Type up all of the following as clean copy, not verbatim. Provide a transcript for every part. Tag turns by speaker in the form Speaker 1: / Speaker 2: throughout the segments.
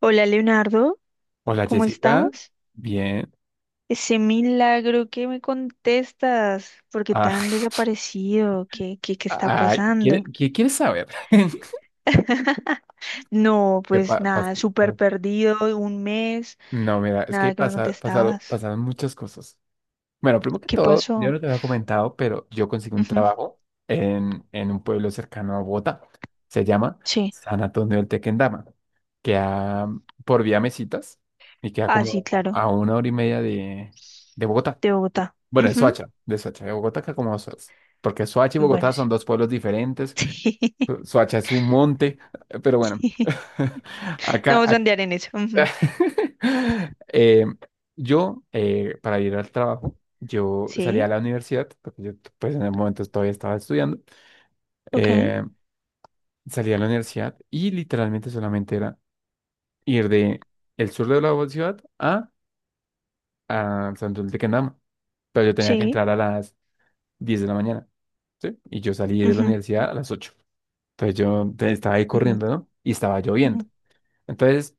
Speaker 1: Hola Leonardo,
Speaker 2: Hola
Speaker 1: ¿cómo
Speaker 2: Jessica,
Speaker 1: estás?
Speaker 2: bien.
Speaker 1: Ese milagro que me contestas, ¿por qué
Speaker 2: Ah,
Speaker 1: tan desaparecido? ¿Qué está
Speaker 2: ah,
Speaker 1: pasando?
Speaker 2: ¿Qué quieres saber?
Speaker 1: No,
Speaker 2: ¿Qué
Speaker 1: pues
Speaker 2: pa- pas-
Speaker 1: nada, súper
Speaker 2: pas-
Speaker 1: perdido, un mes,
Speaker 2: No, mira, es que
Speaker 1: nada que me
Speaker 2: pasa, pasaron,
Speaker 1: contestabas.
Speaker 2: pasaron muchas cosas. Bueno, primero que
Speaker 1: ¿Qué
Speaker 2: todo, yo
Speaker 1: pasó?
Speaker 2: no te había comentado, pero yo conseguí un
Speaker 1: Ujú.
Speaker 2: trabajo en un pueblo cercano a Bogotá. Se llama
Speaker 1: Sí,
Speaker 2: San Antonio del Tequendama. Queda por vía Mesitas y queda
Speaker 1: ah, sí,
Speaker 2: como
Speaker 1: claro,
Speaker 2: a una hora y media de Bogotá.
Speaker 1: de Bogotá.
Speaker 2: Bueno, de
Speaker 1: Ujú.
Speaker 2: Soacha, de Soacha, de Bogotá queda como a 2 horas. Porque Soacha y
Speaker 1: Bueno,
Speaker 2: Bogotá son dos pueblos diferentes.
Speaker 1: sí.
Speaker 2: Suacha es un monte, pero bueno,
Speaker 1: Sí, no
Speaker 2: acá,
Speaker 1: vamos a
Speaker 2: ac-
Speaker 1: andar en eso. Ujú.
Speaker 2: Eh, yo, para ir al trabajo, yo salía
Speaker 1: Sí,
Speaker 2: a la universidad, porque yo pues en el momento todavía estaba estudiando,
Speaker 1: ok,
Speaker 2: eh, salía a la universidad y literalmente solamente era ir de el sur de la ciudad a Santos de Quendama, pero yo tenía que
Speaker 1: sí,
Speaker 2: entrar a las 10 de la mañana, ¿sí? Y yo salí de la
Speaker 1: ujú,
Speaker 2: universidad a las 8. Entonces yo estaba ahí
Speaker 1: ujú,
Speaker 2: corriendo, ¿no? Y estaba lloviendo.
Speaker 1: ujú.
Speaker 2: Entonces,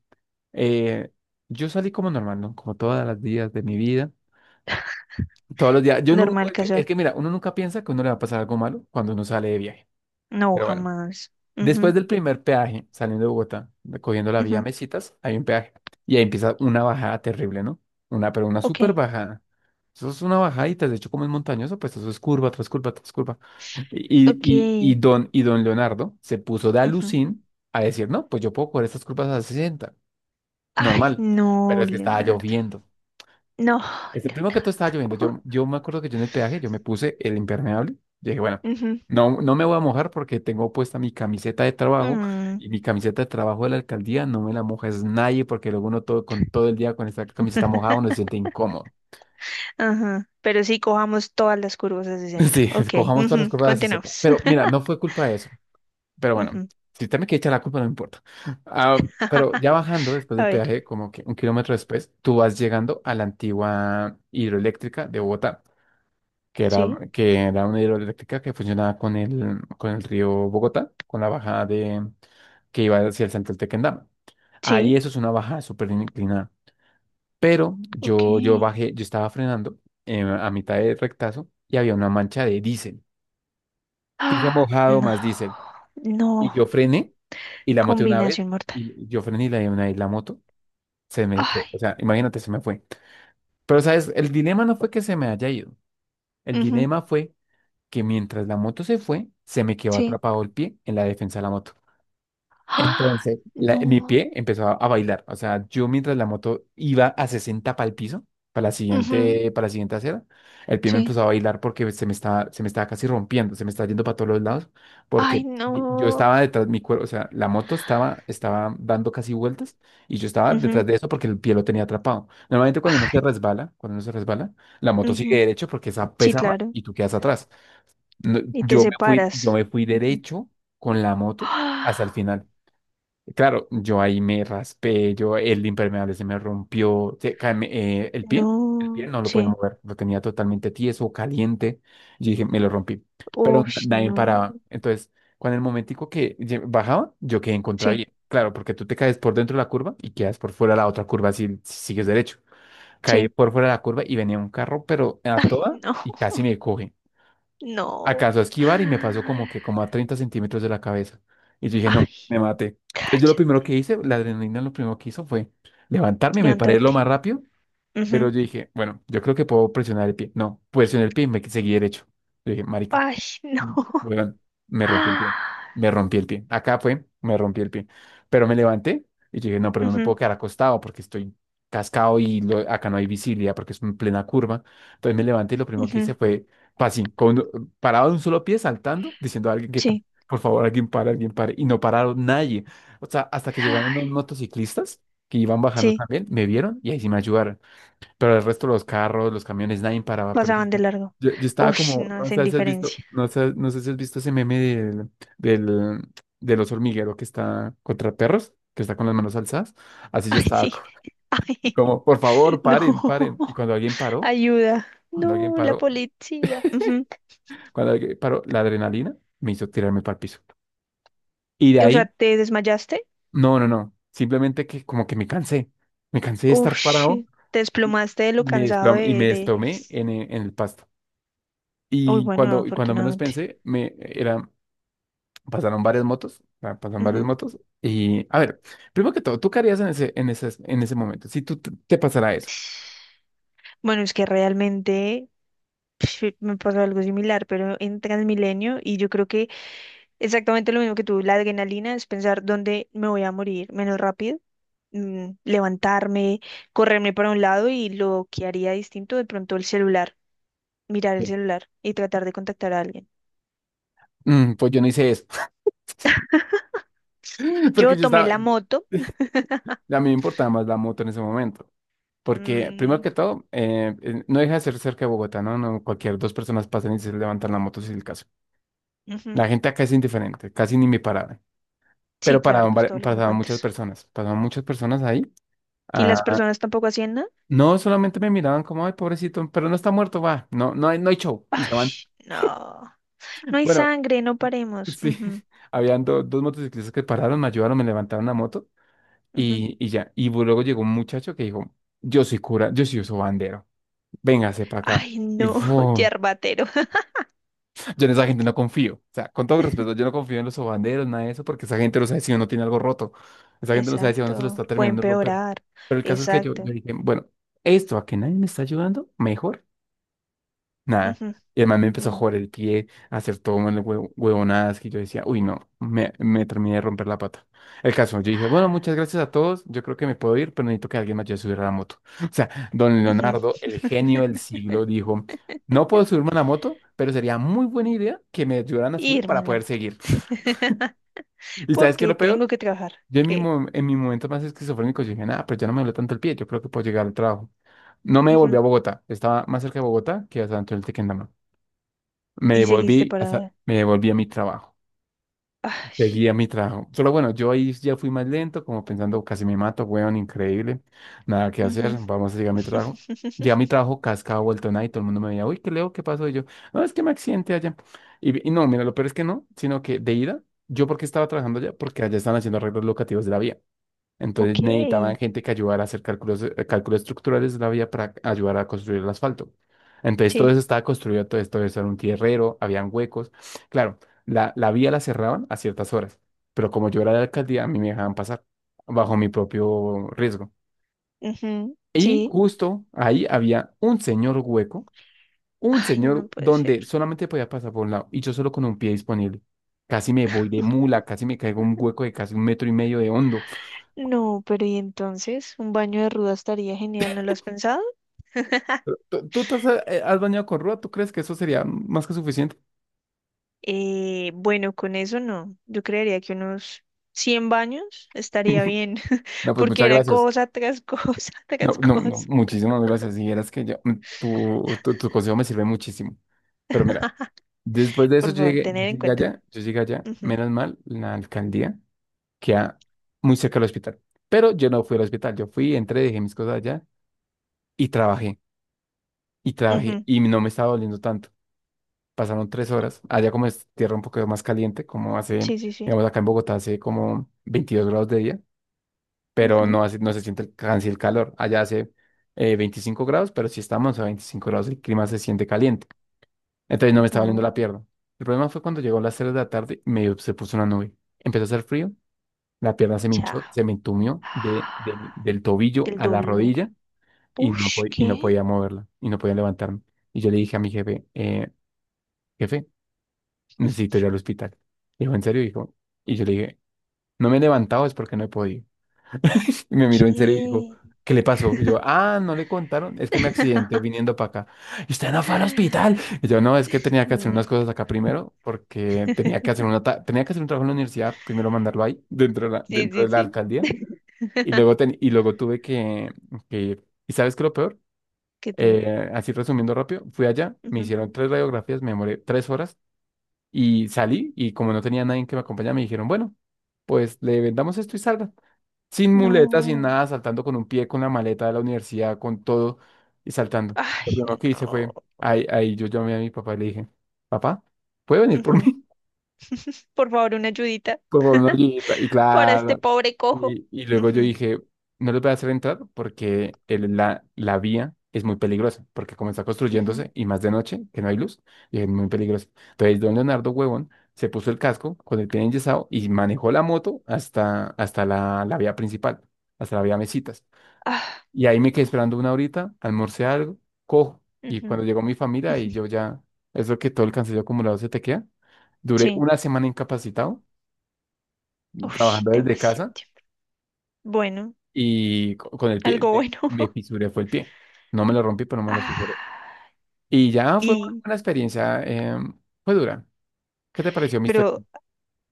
Speaker 2: Eh, yo salí como normal, ¿no? Como todos los días de mi vida. Todos los días. Yo
Speaker 1: Normal,
Speaker 2: es
Speaker 1: casual.
Speaker 2: que mira, uno nunca piensa que a uno le va a pasar algo malo cuando uno sale de viaje.
Speaker 1: No,
Speaker 2: Pero bueno,
Speaker 1: jamás.
Speaker 2: después
Speaker 1: Ujú,
Speaker 2: del primer peaje, saliendo de Bogotá, cogiendo la vía
Speaker 1: ujú.
Speaker 2: Mesitas, hay un peaje. Y ahí empieza una bajada terrible, ¿no? Una, pero una
Speaker 1: Ok.
Speaker 2: súper bajada. Eso es una bajadita, de hecho, como es montañoso, pues eso es curva tras curva tras curva. Y,
Speaker 1: Ok.
Speaker 2: y, y, don, y don Leonardo se puso de
Speaker 1: Ujú.
Speaker 2: alucín a decir, no, pues yo puedo coger estas curvas a 60,
Speaker 1: Ay,
Speaker 2: normal, pero
Speaker 1: no,
Speaker 2: es que estaba
Speaker 1: Leonardo.
Speaker 2: lloviendo.
Speaker 1: No,
Speaker 2: Este, primero que todo estaba lloviendo.
Speaker 1: Leonardo.
Speaker 2: Yo, yo me acuerdo que yo en el peaje, yo me puse el impermeable. Yo dije, bueno,
Speaker 1: Ujú.
Speaker 2: no, no me voy a mojar porque tengo puesta mi camiseta de trabajo
Speaker 1: Mm.
Speaker 2: y mi camiseta de trabajo de la alcaldía no me la moja es nadie porque luego uno todo, con todo el día con esta camiseta mojada uno se siente incómodo.
Speaker 1: Ajá. Pero sí, cojamos todas las curvas a 60.
Speaker 2: Sí,
Speaker 1: Ok,
Speaker 2: cojamos todas las
Speaker 1: ujú,
Speaker 2: curvas de la sociedad.
Speaker 1: continuamos.
Speaker 2: Pero mira, no fue culpa de eso. Pero bueno,
Speaker 1: Ujú.
Speaker 2: si usted me quiere echar la culpa, no me importa. Ah, pero ya bajando después
Speaker 1: A
Speaker 2: del
Speaker 1: ver,
Speaker 2: peaje, como que un kilómetro después, tú vas llegando a la antigua hidroeléctrica de Bogotá. Que era,
Speaker 1: sí,
Speaker 2: que era una hidroeléctrica que funcionaba con el río Bogotá, con la bajada que iba hacia el Central Tequendama. Ahí
Speaker 1: sí,
Speaker 2: eso es una bajada súper inclinada. Pero
Speaker 1: ok.
Speaker 2: yo, yo bajé, yo estaba frenando a mitad de rectazo y había una mancha de diésel. Piso
Speaker 1: Ah,
Speaker 2: mojado
Speaker 1: no,
Speaker 2: más diésel. Y
Speaker 1: no,
Speaker 2: yo frené y la moto una vez.
Speaker 1: combinación mortal.
Speaker 2: Y yo frené y la moto se me fue.
Speaker 1: Ay,
Speaker 2: O sea, imagínate, se me fue. Pero, ¿sabes? El dilema no fue que se me haya ido. El
Speaker 1: ujú,
Speaker 2: dilema fue que mientras la moto se fue, se me quedó
Speaker 1: sí.
Speaker 2: atrapado el pie en la defensa de la moto.
Speaker 1: Ah,
Speaker 2: Entonces, mi
Speaker 1: no,
Speaker 2: pie empezó a bailar. O sea, yo mientras la moto iba a 60 para el piso, para la
Speaker 1: ujú,
Speaker 2: siguiente, para la siguiente acera, el pie me
Speaker 1: sí.
Speaker 2: empezó a bailar porque se me estaba casi rompiendo, se me estaba yendo para todos los lados,
Speaker 1: Ay,
Speaker 2: porque yo estaba
Speaker 1: no.
Speaker 2: detrás de mi cuerpo, o sea, la moto estaba dando casi vueltas y yo estaba
Speaker 1: Ujú.
Speaker 2: detrás de eso porque el pie lo tenía atrapado. Normalmente cuando uno se
Speaker 1: Ay,
Speaker 2: resbala, cuando uno se resbala, la moto sigue
Speaker 1: ujú.
Speaker 2: derecho porque esa
Speaker 1: Sí,
Speaker 2: pesa más
Speaker 1: claro.
Speaker 2: y tú quedas atrás. No,
Speaker 1: Y te
Speaker 2: yo me fui, yo
Speaker 1: separas.
Speaker 2: me fui
Speaker 1: Ujú.
Speaker 2: derecho con la moto hasta el
Speaker 1: ¡Ah!
Speaker 2: final. Claro, yo ahí me raspé, yo el impermeable se me rompió, el pie
Speaker 1: No,
Speaker 2: no lo podía
Speaker 1: sí.
Speaker 2: mover, lo tenía totalmente tieso, caliente. Yo dije, me lo rompí, pero n-
Speaker 1: Uy,
Speaker 2: nadie
Speaker 1: no.
Speaker 2: paraba. Entonces, cuando el momentico que bajaba, yo quedé en
Speaker 1: Sí,
Speaker 2: contravía. Claro, porque tú te caes por dentro de la curva y quedas por fuera de la otra curva si sigues derecho. Caí
Speaker 1: sí.
Speaker 2: por fuera de la curva y venía un carro, pero a
Speaker 1: Ay,
Speaker 2: toda
Speaker 1: no,
Speaker 2: y casi me coge.
Speaker 1: no.
Speaker 2: Acaso a esquivar y me pasó como que como a 30 centímetros de la cabeza. Y yo dije, no, me
Speaker 1: Ay,
Speaker 2: maté. Entonces yo lo
Speaker 1: cállate.
Speaker 2: primero que hice, la adrenalina lo primero que hizo fue levantarme y me paré lo más
Speaker 1: Levantarte.
Speaker 2: rápido, pero
Speaker 1: Ujú.
Speaker 2: yo dije, bueno, yo creo que puedo presionar el pie. No, presioné el pie y me seguí derecho. Yo dije, marica,
Speaker 1: Ay, no.
Speaker 2: Mm, Weón, me rompí el pie.
Speaker 1: Ah.
Speaker 2: Me rompí el pie. Acá fue, me rompí el pie. Pero me levanté y dije, no, pero no me
Speaker 1: Ujú,
Speaker 2: puedo quedar acostado porque estoy cascado y acá no hay visibilidad porque es en plena curva. Entonces me levanté y lo primero que
Speaker 1: ujú,
Speaker 2: hice fue, así, con, parado de un solo pie, saltando, diciendo a alguien que,
Speaker 1: sí.
Speaker 2: por favor, alguien para, alguien para. Y no pararon nadie. O sea, hasta que llegaron
Speaker 1: Ay,
Speaker 2: unos motociclistas que iban bajando
Speaker 1: sí,
Speaker 2: también, me vieron y ahí sí me ayudaron pero el resto de los carros, los camiones, nadie paraba. Pero yo,
Speaker 1: pasaban de largo.
Speaker 2: yo estaba
Speaker 1: Uy,
Speaker 2: como,
Speaker 1: no,
Speaker 2: no
Speaker 1: es
Speaker 2: sé si has visto,
Speaker 1: indiferencia.
Speaker 2: no sé, no sé si has visto ese meme del, del oso hormiguero que está contra perros, que está con las manos alzadas. Así yo
Speaker 1: Ay,
Speaker 2: estaba
Speaker 1: sí.
Speaker 2: co-
Speaker 1: Ay,
Speaker 2: como, por favor,
Speaker 1: no.
Speaker 2: paren, paren. Y cuando alguien paró,
Speaker 1: Ayuda.
Speaker 2: cuando alguien
Speaker 1: No, la
Speaker 2: paró,
Speaker 1: policía. Ujú.
Speaker 2: cuando alguien paró, la adrenalina me hizo tirarme para el piso. Y de
Speaker 1: O sea,
Speaker 2: ahí,
Speaker 1: ¿te desmayaste?
Speaker 2: no, no, no, simplemente que como que me cansé de
Speaker 1: Uf,
Speaker 2: estar
Speaker 1: shi,
Speaker 2: parado.
Speaker 1: te
Speaker 2: y
Speaker 1: desplomaste de lo
Speaker 2: Me
Speaker 1: cansado
Speaker 2: desplomé y
Speaker 1: de,
Speaker 2: me
Speaker 1: de...
Speaker 2: desplomé en el pasto.
Speaker 1: Uy,
Speaker 2: Y
Speaker 1: bueno,
Speaker 2: cuando, y cuando menos
Speaker 1: afortunadamente.
Speaker 2: pensé, pasaron varias motos, ah, pasaron varias
Speaker 1: Ujú.
Speaker 2: motos. Y a ver, primero que todo, ¿tú qué harías en ese momento? Si tú te pasara eso.
Speaker 1: Bueno, es que realmente pf, me pasó algo similar, pero en Transmilenio, y yo creo que exactamente lo mismo que tú, la adrenalina es pensar dónde me voy a morir menos rápido, levantarme, correrme para un lado y lo que haría distinto, de pronto el celular, mirar el
Speaker 2: Sí.
Speaker 1: celular y tratar de contactar a alguien.
Speaker 2: Mm, pues yo no hice eso, porque
Speaker 1: Yo
Speaker 2: yo
Speaker 1: tomé
Speaker 2: estaba, a
Speaker 1: la moto.
Speaker 2: mí me importaba más la moto en ese momento. Porque primero
Speaker 1: Mm,
Speaker 2: que todo, no deja de ser cerca de Bogotá, ¿no? No, cualquier dos personas pasan y se levantan la moto si es el caso.
Speaker 1: ujú.
Speaker 2: La gente acá es indiferente, casi ni me paraban.
Speaker 1: Sí,
Speaker 2: Pero
Speaker 1: claro,
Speaker 2: paraban,
Speaker 1: pues
Speaker 2: vari-
Speaker 1: todo lo que me
Speaker 2: pasaban muchas
Speaker 1: cuentas.
Speaker 2: personas, pasaban muchas personas ahí.
Speaker 1: Y las personas tampoco hacían nada.
Speaker 2: No, solamente me miraban como, ay, pobrecito, pero no está muerto, va. No, no hay show. Y se
Speaker 1: Ay,
Speaker 2: van.
Speaker 1: no. No hay
Speaker 2: Bueno,
Speaker 1: sangre, no paremos.
Speaker 2: sí,
Speaker 1: Ujú,
Speaker 2: habían dos motociclistas que pararon, me ayudaron, me levantaron la moto
Speaker 1: ujú.
Speaker 2: y ya. Y luego llegó un muchacho que dijo, yo soy cura, yo soy bandero, véngase para acá.
Speaker 1: Ay,
Speaker 2: Y
Speaker 1: no,
Speaker 2: ¡fum!
Speaker 1: yerbatero.
Speaker 2: Yo en esa gente no confío. O sea, con todo respeto, yo no confío en los sobanderos, nada de eso, porque esa gente no sabe si uno tiene algo roto. Esa gente no sabe si uno se lo
Speaker 1: Exacto,
Speaker 2: está
Speaker 1: puede
Speaker 2: terminando de romper.
Speaker 1: empeorar.
Speaker 2: Pero el caso es que yo,
Speaker 1: Exacto.
Speaker 2: yo dije, bueno, esto a que nadie me está ayudando, mejor. Nada. Y además me empezó a
Speaker 1: Ujú,
Speaker 2: jugar el pie, a hacer todo mal huevonadas que yo decía, uy, no, me terminé de romper la pata. El caso, yo dije, bueno, muchas gracias a todos, yo creo que me puedo ir, pero necesito que alguien me ayude a subir a la moto. O sea, don
Speaker 1: ujú, ujú.
Speaker 2: Leonardo, el genio del siglo, dijo, no puedo subirme a la moto, pero sería muy buena idea que me ayudaran a subir
Speaker 1: Irme
Speaker 2: para
Speaker 1: en la
Speaker 2: poder
Speaker 1: moto.
Speaker 2: seguir. ¿Y sabes qué es
Speaker 1: Porque
Speaker 2: lo
Speaker 1: tengo
Speaker 2: peor?
Speaker 1: que trabajar.
Speaker 2: Yo en mi,
Speaker 1: ¿Qué?
Speaker 2: mo- en mi momento más esquizofrénico yo dije, nada, pero ya no me duele tanto el pie, yo creo que puedo llegar al trabajo. No me devolví
Speaker 1: Ujú.
Speaker 2: a Bogotá, estaba más cerca de Bogotá que a San Antonio del Tequendama. Me
Speaker 1: Y seguiste
Speaker 2: devolví,
Speaker 1: para.
Speaker 2: me devolví a mi trabajo.
Speaker 1: Ay,
Speaker 2: Seguí a mi trabajo. Solo bueno, yo ahí ya fui más lento, como pensando, casi me mato, weón, increíble. Nada que
Speaker 1: ujú.
Speaker 2: hacer, vamos a llegar a mi trabajo. Llegué a mi trabajo, cascado, vuelto nada, y todo el mundo me veía, uy, qué leo, qué pasó. Y yo, no, es que me accidenté allá. Y no, mira, lo peor es que no, sino que de ida, yo porque estaba trabajando allá, porque allá están haciendo arreglos locativos de la vía. Entonces
Speaker 1: Ok,
Speaker 2: necesitaban gente que ayudara a hacer cálculos, cálculos estructurales de la vía para ayudar a construir el asfalto. Entonces todo
Speaker 1: sí.
Speaker 2: eso estaba construido, todo esto eso era un tierrero, habían huecos. Claro, la vía la cerraban a ciertas horas, pero como yo era de la alcaldía, a mí me dejaban pasar bajo mi propio riesgo.
Speaker 1: Ujú,
Speaker 2: Y
Speaker 1: sí.
Speaker 2: justo ahí había un señor hueco, un
Speaker 1: Ay, no
Speaker 2: señor
Speaker 1: puede ser.
Speaker 2: donde solamente podía pasar por un lado y yo solo con un pie disponible. Casi me voy de mula, casi me caigo en un hueco de casi un metro y medio de hondo.
Speaker 1: No, pero y entonces, un baño de ruda estaría genial, ¿no lo has pensado?
Speaker 2: ¿Tú has bañado con ruda? ¿Tú crees que eso sería más que suficiente?
Speaker 1: Bueno, con eso no. Yo creería que unos 100 baños estaría bien,
Speaker 2: No, pues
Speaker 1: porque
Speaker 2: muchas
Speaker 1: era
Speaker 2: gracias.
Speaker 1: cosa tras cosa
Speaker 2: No,
Speaker 1: tras
Speaker 2: no, no,
Speaker 1: cosa.
Speaker 2: muchísimas gracias. Y eras que yo, tu consejo me sirve muchísimo. Pero mira, después de eso
Speaker 1: Por
Speaker 2: yo
Speaker 1: favor,
Speaker 2: llegué, yo
Speaker 1: tener en
Speaker 2: llegué
Speaker 1: cuenta.
Speaker 2: allá, yo llegué allá, menos mal, la alcaldía queda muy cerca del hospital. Pero yo no fui al hospital, yo fui, entré, dejé mis cosas allá y trabajé,
Speaker 1: Ujú, ujú.
Speaker 2: y no me estaba doliendo tanto. Pasaron 3 horas, allá como es tierra un poco más caliente,
Speaker 1: Sí, sí, sí.
Speaker 2: digamos, acá en Bogotá hace como 22 grados de día, pero
Speaker 1: Ujú,
Speaker 2: no, no se siente casi el calor. Allá hace 25 grados, pero si estamos a 25 grados, el clima se siente caliente. Entonces no me estaba doliendo
Speaker 1: ujú.
Speaker 2: la pierna. El problema fue cuando llegó a las 3 de la tarde, se puso una nube. Empezó a hacer frío, la pierna se me hinchó,
Speaker 1: Chao.
Speaker 2: se me entumió del tobillo
Speaker 1: Del
Speaker 2: a la
Speaker 1: dolor.
Speaker 2: rodilla y
Speaker 1: Ush,
Speaker 2: y no
Speaker 1: ¿qué?
Speaker 2: podía moverla, y no podía levantarme. Y yo le dije a mi jefe, jefe, necesito ir al hospital. Dijo, ¿en serio? Dijo, y yo le dije, no me he levantado es porque no he podido. Y me miró en serio y dijo,
Speaker 1: ¿Qué?
Speaker 2: ¿qué le pasó? Y yo, ah, no le contaron, es que me accidenté viniendo para acá. Y usted no fue al hospital. Y yo, no, es que tenía que hacer
Speaker 1: Mm.
Speaker 2: unas cosas acá primero, porque tenía que hacer tenía que hacer un trabajo en la universidad, primero mandarlo ahí, dentro de la,
Speaker 1: Sí,
Speaker 2: dentro de
Speaker 1: sí,
Speaker 2: la
Speaker 1: sí.
Speaker 2: alcaldía. Y luego, ten- y luego tuve que, ir. ¿Y sabes qué es lo peor?
Speaker 1: ¿Qué te?
Speaker 2: Así resumiendo rápido, fui allá, me hicieron tres radiografías, me demoré 3 horas y salí y como no tenía nadie que me acompañara, me dijeron, bueno, pues le vendamos esto y salga sin muletas, sin
Speaker 1: No.
Speaker 2: nada, saltando con un pie, con la maleta de la universidad, con todo y saltando. Lo
Speaker 1: Ay,
Speaker 2: primero que hice
Speaker 1: no.
Speaker 2: fue, ahí yo llamé a mi papá y le dije, papá, ¿puede venir por
Speaker 1: Ujú.
Speaker 2: mí?
Speaker 1: Por favor, una ayudita
Speaker 2: Por favor, una ayudita. Y
Speaker 1: para este
Speaker 2: claro,
Speaker 1: pobre cojo.
Speaker 2: y luego yo
Speaker 1: Ujú,
Speaker 2: dije, no les voy a hacer entrar porque la vía es muy peligrosa, porque como está
Speaker 1: ujú.
Speaker 2: construyéndose y más de noche, que no hay luz, y es muy peligroso. Entonces, don Leonardo Huevón se puso el casco con el pie enyesado y manejó la moto hasta la vía principal, hasta la vía Mesitas.
Speaker 1: Ah,
Speaker 2: Y ahí me
Speaker 1: no.
Speaker 2: quedé esperando una horita, almorcé algo, cojo. Y
Speaker 1: Ujú.
Speaker 2: cuando llegó mi familia y yo ya, eso que todo el cansancio acumulado se te queda, duré
Speaker 1: Sí.
Speaker 2: una semana incapacitado,
Speaker 1: Uy,
Speaker 2: trabajando desde
Speaker 1: demasiado
Speaker 2: casa
Speaker 1: tiempo. Bueno,
Speaker 2: y con el pie,
Speaker 1: algo
Speaker 2: me,
Speaker 1: bueno.
Speaker 2: me fisuré, fue el pie. No me lo rompí, pero me lo fisuré.
Speaker 1: Ah,
Speaker 2: Y ya fue una,
Speaker 1: y,
Speaker 2: buena experiencia, fue dura. ¿Qué te pareció mi historia?
Speaker 1: pero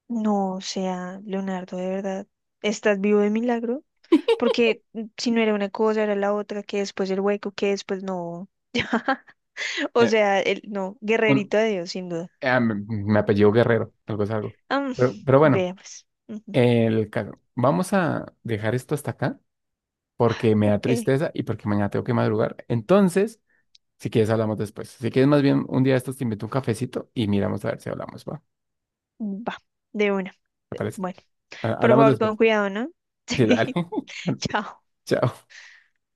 Speaker 1: no, o sea, Leonardo, de verdad, ¿estás vivo de milagro? Porque si no era una cosa, era la otra, que después el hueco, que después no. O
Speaker 2: Eh,
Speaker 1: sea, no,
Speaker 2: un-
Speaker 1: guerrerito de Dios, sin duda.
Speaker 2: me apellido Guerrero, algo es algo.
Speaker 1: Am,
Speaker 2: Pero bueno,
Speaker 1: Vea pues. Ujú,
Speaker 2: el caso. Vamos a dejar esto hasta acá, porque me da
Speaker 1: ok,
Speaker 2: tristeza y porque mañana tengo que madrugar. Entonces, si quieres, hablamos después. Si quieres, más bien un día de estos te invito a un cafecito y miramos a ver si hablamos, ¿va?
Speaker 1: va, de una.
Speaker 2: ¿Te parece?
Speaker 1: Bueno, por
Speaker 2: Hablamos
Speaker 1: favor,
Speaker 2: después.
Speaker 1: con cuidado, ¿no?
Speaker 2: Sí, dale.
Speaker 1: Sí. Chao.
Speaker 2: Chao.